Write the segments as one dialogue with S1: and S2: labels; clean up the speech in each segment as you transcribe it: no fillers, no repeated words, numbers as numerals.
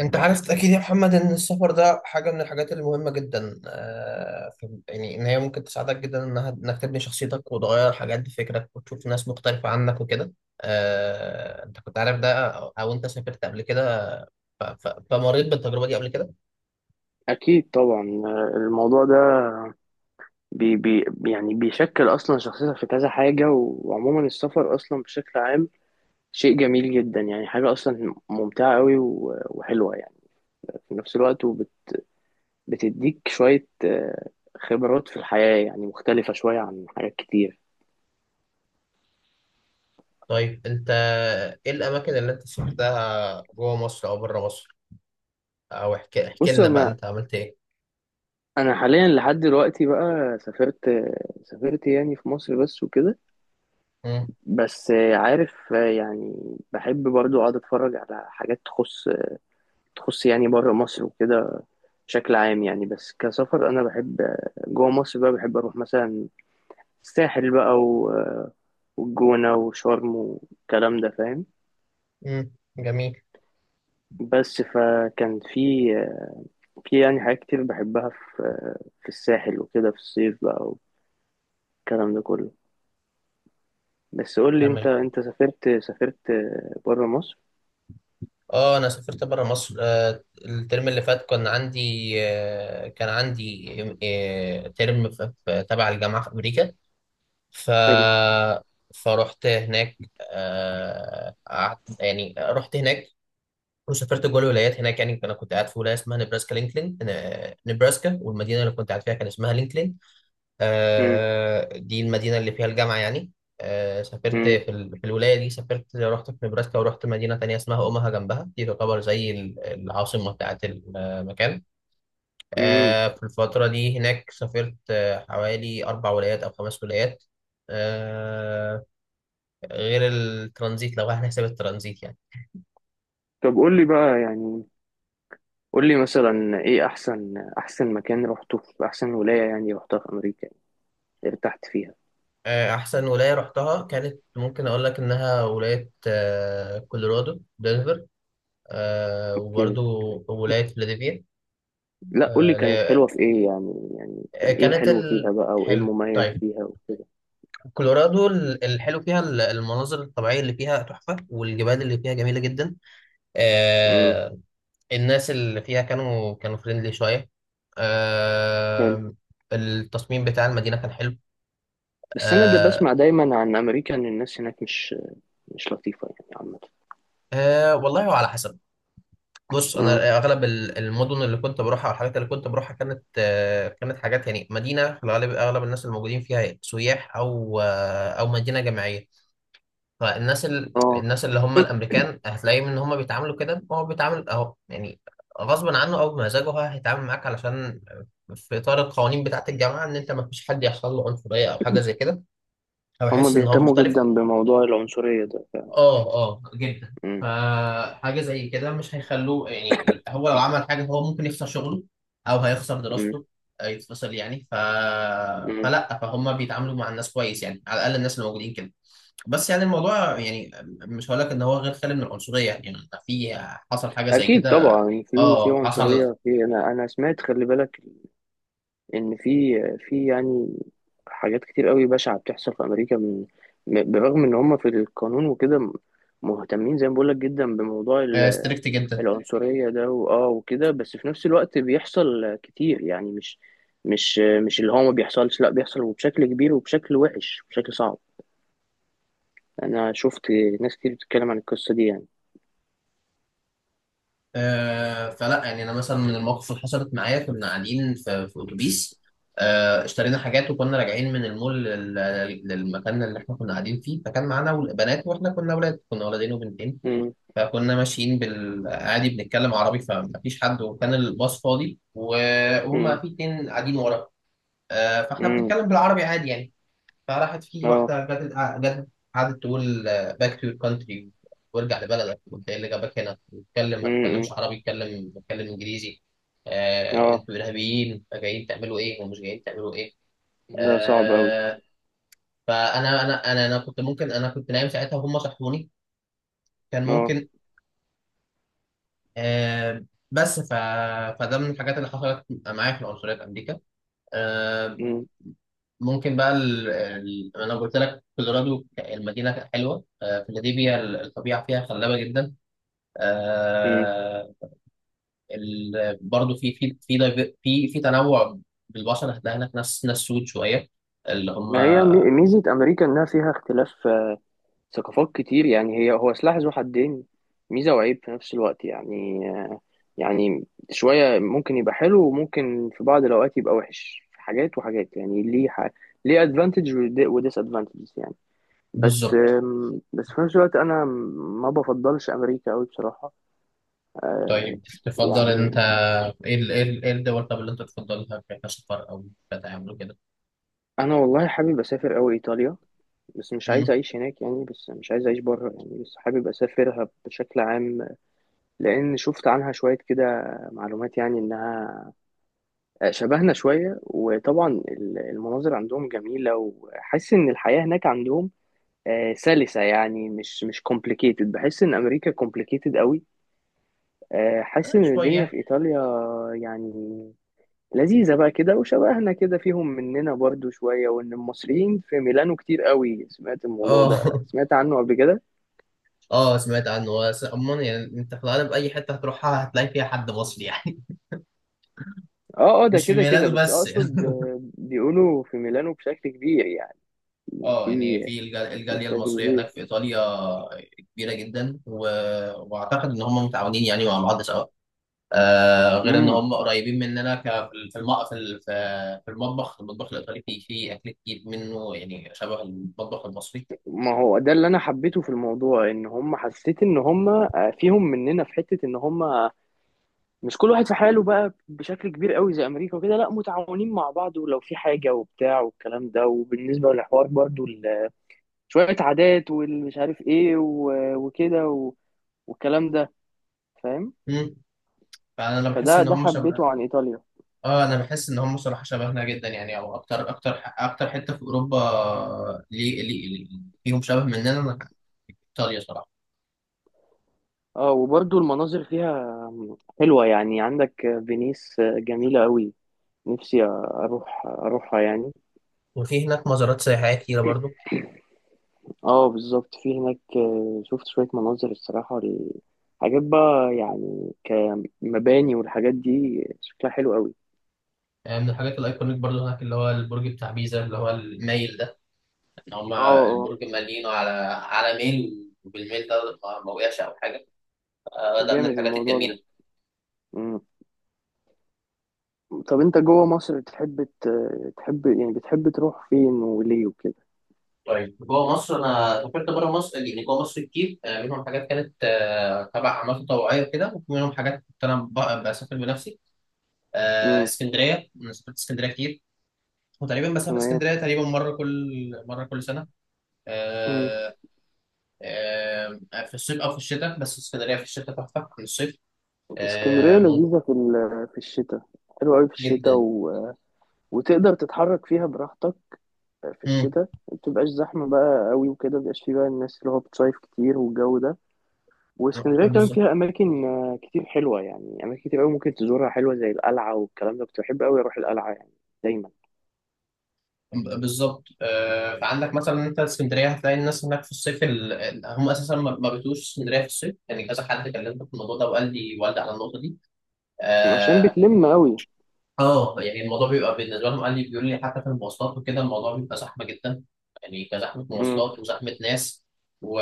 S1: انت عرفت اكيد يا محمد ان السفر ده حاجه من الحاجات المهمه جدا، يعني ان هي ممكن تساعدك جدا انها انك تبني شخصيتك وتغير حاجات بفكرك وتشوف ناس مختلفه عنك وكده. انت كنت عارف ده او انت سافرت قبل كده؟ فمريت بالتجربه دي قبل كده.
S2: أكيد طبعا الموضوع ده بي بي يعني بيشكل أصلا شخصيتك في كذا حاجة وعموما السفر أصلا بشكل عام شيء جميل جدا، يعني حاجة أصلا ممتعة أوي وحلوة يعني، في نفس الوقت، وبتديك شوية خبرات في الحياة، يعني مختلفة شوية عن حاجات كتير.
S1: طيب انت، ايه الاماكن اللي انت سافرتها جوه مصر او بره مصر؟ او احكي احكي
S2: بص
S1: لنا بقى
S2: أنا،
S1: انت عملت ايه.
S2: حاليا لحد دلوقتي بقى سافرت، يعني في مصر بس وكده.
S1: امم،
S2: بس عارف، يعني بحب برضو أقعد أتفرج على حاجات تخص، يعني بره مصر وكده، بشكل عام يعني. بس كسفر انا بحب جوه مصر بقى، بحب اروح مثلا الساحل بقى والجونة وشرم والكلام ده، فاهم.
S1: امم. جميل.
S2: بس فكان في، يعني حاجات كتير بحبها في، الساحل وكده في الصيف بقى، والكلام ده كله. بس قول لي انت،
S1: تمام.
S2: سافرت، بره مصر.
S1: اه، انا سافرت بره مصر. الترم اللي فات كان عندي ترم تبع الجامعه في امريكا. ف
S2: حلو.
S1: فرحت هناك. قعدت يعني رحت هناك وسافرت جوه الولايات هناك. يعني انا كنت قاعد في ولايه اسمها نبراسكا، لينكلين. نبراسكا والمدينه اللي كنت قاعد فيها كان اسمها لينكلين.
S2: امم،
S1: دي المدينة اللي فيها الجامعة يعني. سافرت
S2: امم،
S1: في الولاية دي، سافرت رحت في نبراسكا ورحت مدينة تانية اسمها أوماها جنبها. دي تعتبر زي العاصمة بتاعت المكان.
S2: امم.
S1: في الفترة دي هناك سافرت حوالي أربع ولايات أو خمس ولايات. آه، غير الترانزيت، لو احنا حساب الترانزيت يعني.
S2: طب قول لي بقى، يعني قول لي مثلا ايه احسن، مكان رحته في احسن ولاية يعني رحتها في امريكا، يعني ارتحت فيها.
S1: أحسن ولاية رحتها، كانت ممكن أقول لك إنها ولاية كولورادو، دنفر.
S2: اوكي.
S1: وبرضو ولاية
S2: لا قول لي كانت
S1: فيلادلفيا.
S2: حلوة في ايه يعني، يعني كان ايه
S1: كانت
S2: الحلو فيها بقى وايه
S1: حلو،
S2: المميز
S1: طيب.
S2: فيها وكده.
S1: كولورادو، الحلو فيها المناظر الطبيعية اللي فيها تحفة، والجبال اللي فيها جميلة جدا.
S2: امم.
S1: آه... الناس اللي فيها كانوا فريندلي شوية.
S2: حلو.
S1: آه... التصميم بتاع المدينة كان حلو.
S2: بس انا ده
S1: آه...
S2: بسمع دايما عن امريكا ان الناس هناك مش لطيفة يعني عامة.
S1: والله، وعلى حسب. بص،
S2: امم.
S1: انا اغلب المدن اللي كنت بروحها والحاجات اللي كنت بروحها كانت حاجات يعني مدينة، في الغالب اغلب الناس الموجودين فيها سياح، او مدينة جامعية. فالناس
S2: اه،
S1: الناس اللي هم الامريكان هتلاقيهم ان هم بيتعاملوا كده، هو بيتعامل اهو يعني، غصب عنه او بمزاجه هو هيتعامل معاك، علشان في اطار القوانين بتاعه الجامعه ان انت ما فيش حد يحصل له عنصريه او حاجه زي كده، او
S2: هما
S1: يحس ان هو
S2: بيهتموا
S1: مختلف.
S2: جدا بموضوع العنصرية ده.
S1: اه، اه، جدا.
S2: امم،
S1: فحاجه زي كده مش هيخلوه. يعني هو لو عمل حاجه هو ممكن يخسر شغله، او هيخسر
S2: امم،
S1: دراسته. يتفصل يعني.
S2: امم.
S1: فلا، فهم بيتعاملوا مع الناس كويس يعني، على الاقل الناس اللي موجودين كده. بس يعني الموضوع يعني، مش هقول لك ان هو غير خالي من العنصريه يعني، في، حصل حاجه زي
S2: اكيد
S1: كده.
S2: طبعا في،
S1: اه، حصل.
S2: عنصرية في، انا، سمعت، خلي بالك ان في، يعني حاجات كتير قوي بشعة بتحصل في امريكا من، بالرغم ان هم في القانون وكده مهتمين زي ما بقولك جدا بموضوع
S1: ستريكت جدا.
S2: العنصرية ده واه وكده، بس في نفس الوقت بيحصل كتير يعني، مش مش اللي هو ما بيحصلش، لا بيحصل وبشكل كبير وبشكل وحش، بشكل صعب. انا شفت ناس كتير بتتكلم عن القصة دي يعني.
S1: فلا يعني انا مثلا، من المواقف اللي حصلت معايا، كنا قاعدين في اتوبيس. اشترينا حاجات وكنا راجعين من المول للمكان اللي احنا كنا قاعدين فيه. فكان معانا بنات واحنا كنا اولاد، كنا ولدين وبنتين.
S2: امم،
S1: فكنا ماشيين بالعادي بنتكلم عربي، فمفيش حد، وكان الباص فاضي، وهم
S2: امم،
S1: في اتنين قاعدين ورا. فاحنا
S2: امم.
S1: بنتكلم بالعربي عادي يعني. فراحت في
S2: اه.
S1: واحدة جت قعدت تقول: باك تو يور كانتري، وارجع لبلدك، وانت ايه اللي جابك هنا، واتكلم، ما
S2: امم.
S1: تتكلمش عربي، اتكلم اتكلم انجليزي. آه،
S2: اه،
S1: انتوا ارهابيين! جايين تعملوا ايه، ومش جايين تعملوا ايه.
S2: ده صعب قوي.
S1: آه فانا، انا انا انا كنت ممكن، انا كنت نايم ساعتها وهم صحوني. كان
S2: اه.
S1: ممكن. آه بس فده من الحاجات اللي حصلت معايا في العنصرية في امريكا. Uh, ممكن بقى، انا قلت لك كولورادو المدينه حلوه. فيلادلفيا الطبيعه فيها خلابه جدا.
S2: امم.
S1: آه، برضو في في في دايف- في في تنوع بالبشر. هتلاقي هناك ناس سود شويه اللي هم.
S2: ما هي ميزة أمريكا إنها فيها اختلاف، ثقافات كتير، يعني هي هو سلاح ذو حدين، ميزة وعيب في نفس الوقت يعني. يعني شوية ممكن يبقى حلو وممكن في بعض الأوقات يبقى وحش في حاجات وحاجات، يعني ليه ليه أدفانتج وديس أدفانتج يعني. بس
S1: بالظبط.
S2: بس في نفس الوقت أنا ما بفضلش أمريكا أوي بصراحة. آه،
S1: طيب، تفضل انت،
S2: يعني
S1: ايه الدول طب اللي انت تفضلها كسفر او كتعامل كده؟
S2: أنا والله حابب أسافر أوي إيطاليا، بس مش
S1: مم.
S2: عايز أعيش هناك يعني، بس مش عايز أعيش بره يعني، بس حابب أسافرها بشكل عام. لان شفت عنها شويه كده معلومات، يعني انها شبهنا شويه، وطبعا المناظر عندهم جميله، وحاسس ان الحياه هناك عندهم سلسه يعني، مش كومبليكيتد، بحس ان امريكا كومبليكيتد قوي. حاسس ان الدنيا
S1: شويه.
S2: في ايطاليا يعني لذيذه بقى كده، وشبهنا كده، فيهم مننا برضو شويه. وان المصريين في ميلانو كتير قوي، سمعت الموضوع
S1: اه.
S2: ده، سمعت عنه قبل كده.
S1: اه سمعت عنه، بس عموما يعني انت في الغالب اي حته هتروحها هتلاقي فيها حد مصري يعني.
S2: اه، اه، ده
S1: مش في
S2: كده كده،
S1: ميلانو
S2: بس
S1: بس.
S2: اقصد بيقولوا في ميلانو بشكل كبير يعني.
S1: اه
S2: في
S1: يعني الجاليه
S2: بالشكل
S1: المصريه
S2: دي.
S1: هناك في ايطاليا كبيره جدا، واعتقد ان هم متعاونين يعني مع بعض سوا. غير ان
S2: امم.
S1: هم قريبين مننا في الم... في ال- في في المطبخ الايطالي فيه اكل كتير منه، يعني شبه المطبخ المصري.
S2: ما هو ده اللي انا حبيته في الموضوع، ان هم، حسيت ان هم فيهم مننا في حته، ان هم مش كل واحد في حاله بقى بشكل كبير قوي زي امريكا وكده، لا متعاونين مع بعض، ولو في حاجه وبتاع والكلام ده، وبالنسبه للحوار برضو شويه عادات والمش عارف ايه وكده والكلام ده، فاهم.
S1: امم. فانا بحس
S2: فده،
S1: ان هم شبه.
S2: حبيته عن ايطاليا.
S1: اه، انا بحس ان هم صراحه شبهنا جدا يعني، او اكتر اكتر اكتر حته في اوروبا. فيهم شبه مننا. ايطاليا صراحه.
S2: اه وبرضو المناظر فيها حلوه يعني، عندك فينيس جميله قوي، نفسي اروح، يعني.
S1: وفي هناك مزارات سياحيه كتيره برضو،
S2: اه بالظبط، في هناك شفت شوية مناظر الصراحة حاجات بقى يعني، كمباني والحاجات دي شكلها حلو قوي.
S1: يعني من الحاجات الأيكونيك برضو هناك، اللي هو البرج بتاع بيزا اللي هو المايل ده. إن
S2: اه،
S1: هما البرج
S2: اه،
S1: مالينه على ميل، وبالميل ده ما وقعش أو حاجة. ده من
S2: جامد
S1: الحاجات
S2: الموضوع ده.
S1: الجميلة.
S2: مم. طب انت جوه مصر تحب تحب، يعني بتحب تروح فين وليه وكده؟
S1: طيب جوه مصر، أنا سافرت بره مصر يعني، جوه مصر كتير. منهم حاجات كانت تبع أعمال تطوعية وكده، ومنهم حاجات كنت أنا بسافر بنفسي.
S2: مم.
S1: اسكندرية، أنا سافرت اسكندرية كتير، وتقريبا بسافر
S2: تمام.
S1: اسكندرية تقريبا مرة كل سنة.
S2: مم.
S1: آه، آه، في الصيف أو في الشتاء، بس اسكندرية في الشتاء تحفة عن الصيف.
S2: اسكندرية
S1: ممكن
S2: لذيذة في في الشتاء، حلوة قوي في الشتاء،
S1: جدا.
S2: و... وتقدر تتحرك فيها براحتك في
S1: مم.
S2: الشتاء، ما بتبقاش زحمة بقى قوي وكده، ما بيبقاش فيه بقى الناس اللي هو بتصيف كتير والجو ده. واسكندرية كمان
S1: بالظبط.
S2: فيها أماكن كتير حلوة، يعني أماكن كتير أوي ممكن تزورها حلوة زي القلعة والكلام ده، كنت بحب أوي أروح القلعة يعني دايما.
S1: بالظبط. فعندك مثلا انت اسكندريه، هتلاقي الناس هناك في الصيف، هم اساسا ما بيتوش اسكندريه في الصيف يعني، كذا حد كلمت في الموضوع ده، وقال لي والدي على النقطه دي.
S2: عشان
S1: آه،
S2: بتلم أوي.
S1: اه، يعني الموضوع بيبقى بالنسبه لهم، قال لي، بيقول لي حتى في المواصلات وكده الموضوع بيبقى زحمه جدا، يعني كزحمه
S2: مم.
S1: مواصلات وزحمه ناس. و...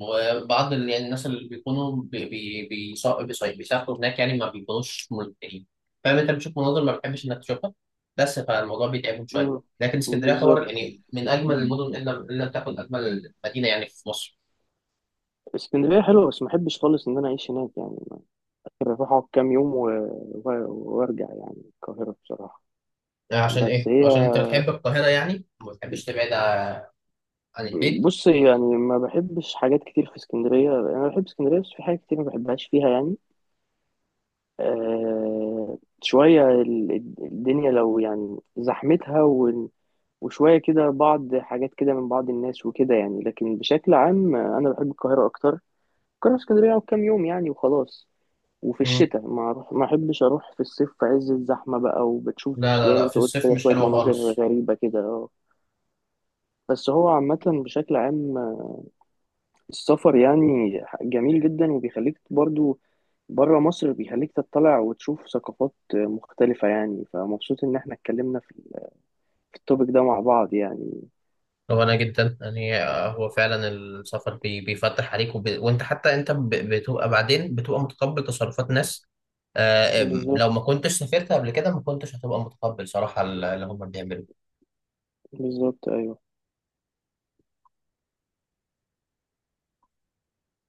S1: وبعض يعني الناس اللي بيكونوا بيسافروا هناك يعني ما بيكونوش مرتاحين. فاهم، انت بتشوف مناظر ما بتحبش انك تشوفها، بس فالموضوع بيتعبهم شويه.
S2: مم.
S1: لكن اسكندريه تعتبر
S2: بالظبط.
S1: يعني من اجمل المدن، الا تكون اجمل مدينه يعني في مصر.
S2: اسكندرية حلوة بس ما أحبش خالص إن أنا أعيش هناك، يعني ممكن أروح أقعد كام يوم و... و... وأرجع يعني القاهرة بصراحة.
S1: عشان
S2: بس
S1: ايه؟
S2: هي،
S1: عشان انت بتحب القاهره يعني وما بتحبش تبعد عن البيت.
S2: بص يعني ما بحبش حاجات كتير في اسكندرية، أنا بحب اسكندرية بس في حاجات كتير ما بحبهاش فيها يعني. آه شوية الدنيا لو يعني زحمتها، وشوية كده بعض حاجات كده من بعض الناس وكده يعني، لكن بشكل عام، أنا بحب القاهرة أكتر. القاهرة، اسكندرية أقعد كام يوم يعني وخلاص. وفي
S1: مم.
S2: الشتاء، ما ما أحبش أروح في الصيف في عز الزحمة بقى، وبتشوف
S1: لا، لا،
S2: زي ما
S1: لا،
S2: أنت
S1: في
S2: قلت
S1: الصيف
S2: كده
S1: مش
S2: شوية
S1: حلوة
S2: مناظر
S1: خالص.
S2: غريبة كده آه. بس هو عامة بشكل عام، السفر يعني جميل جدا، وبيخليك برضو بره مصر، بيخليك تطلع وتشوف ثقافات مختلفة يعني، فمبسوط إن احنا اتكلمنا في في التوبيك ده مع بعض يعني.
S1: هو انا جدا يعني، هو فعلا السفر بيفتح عليك، وانت حتى انت بتبقى، بعدين بتبقى متقبل تصرفات ناس. آه،
S2: بالظبط،
S1: لو ما كنتش سافرت قبل كده، ما كنتش هتبقى متقبل صراحة اللي هم بيعملوا.
S2: بالظبط، أيوه.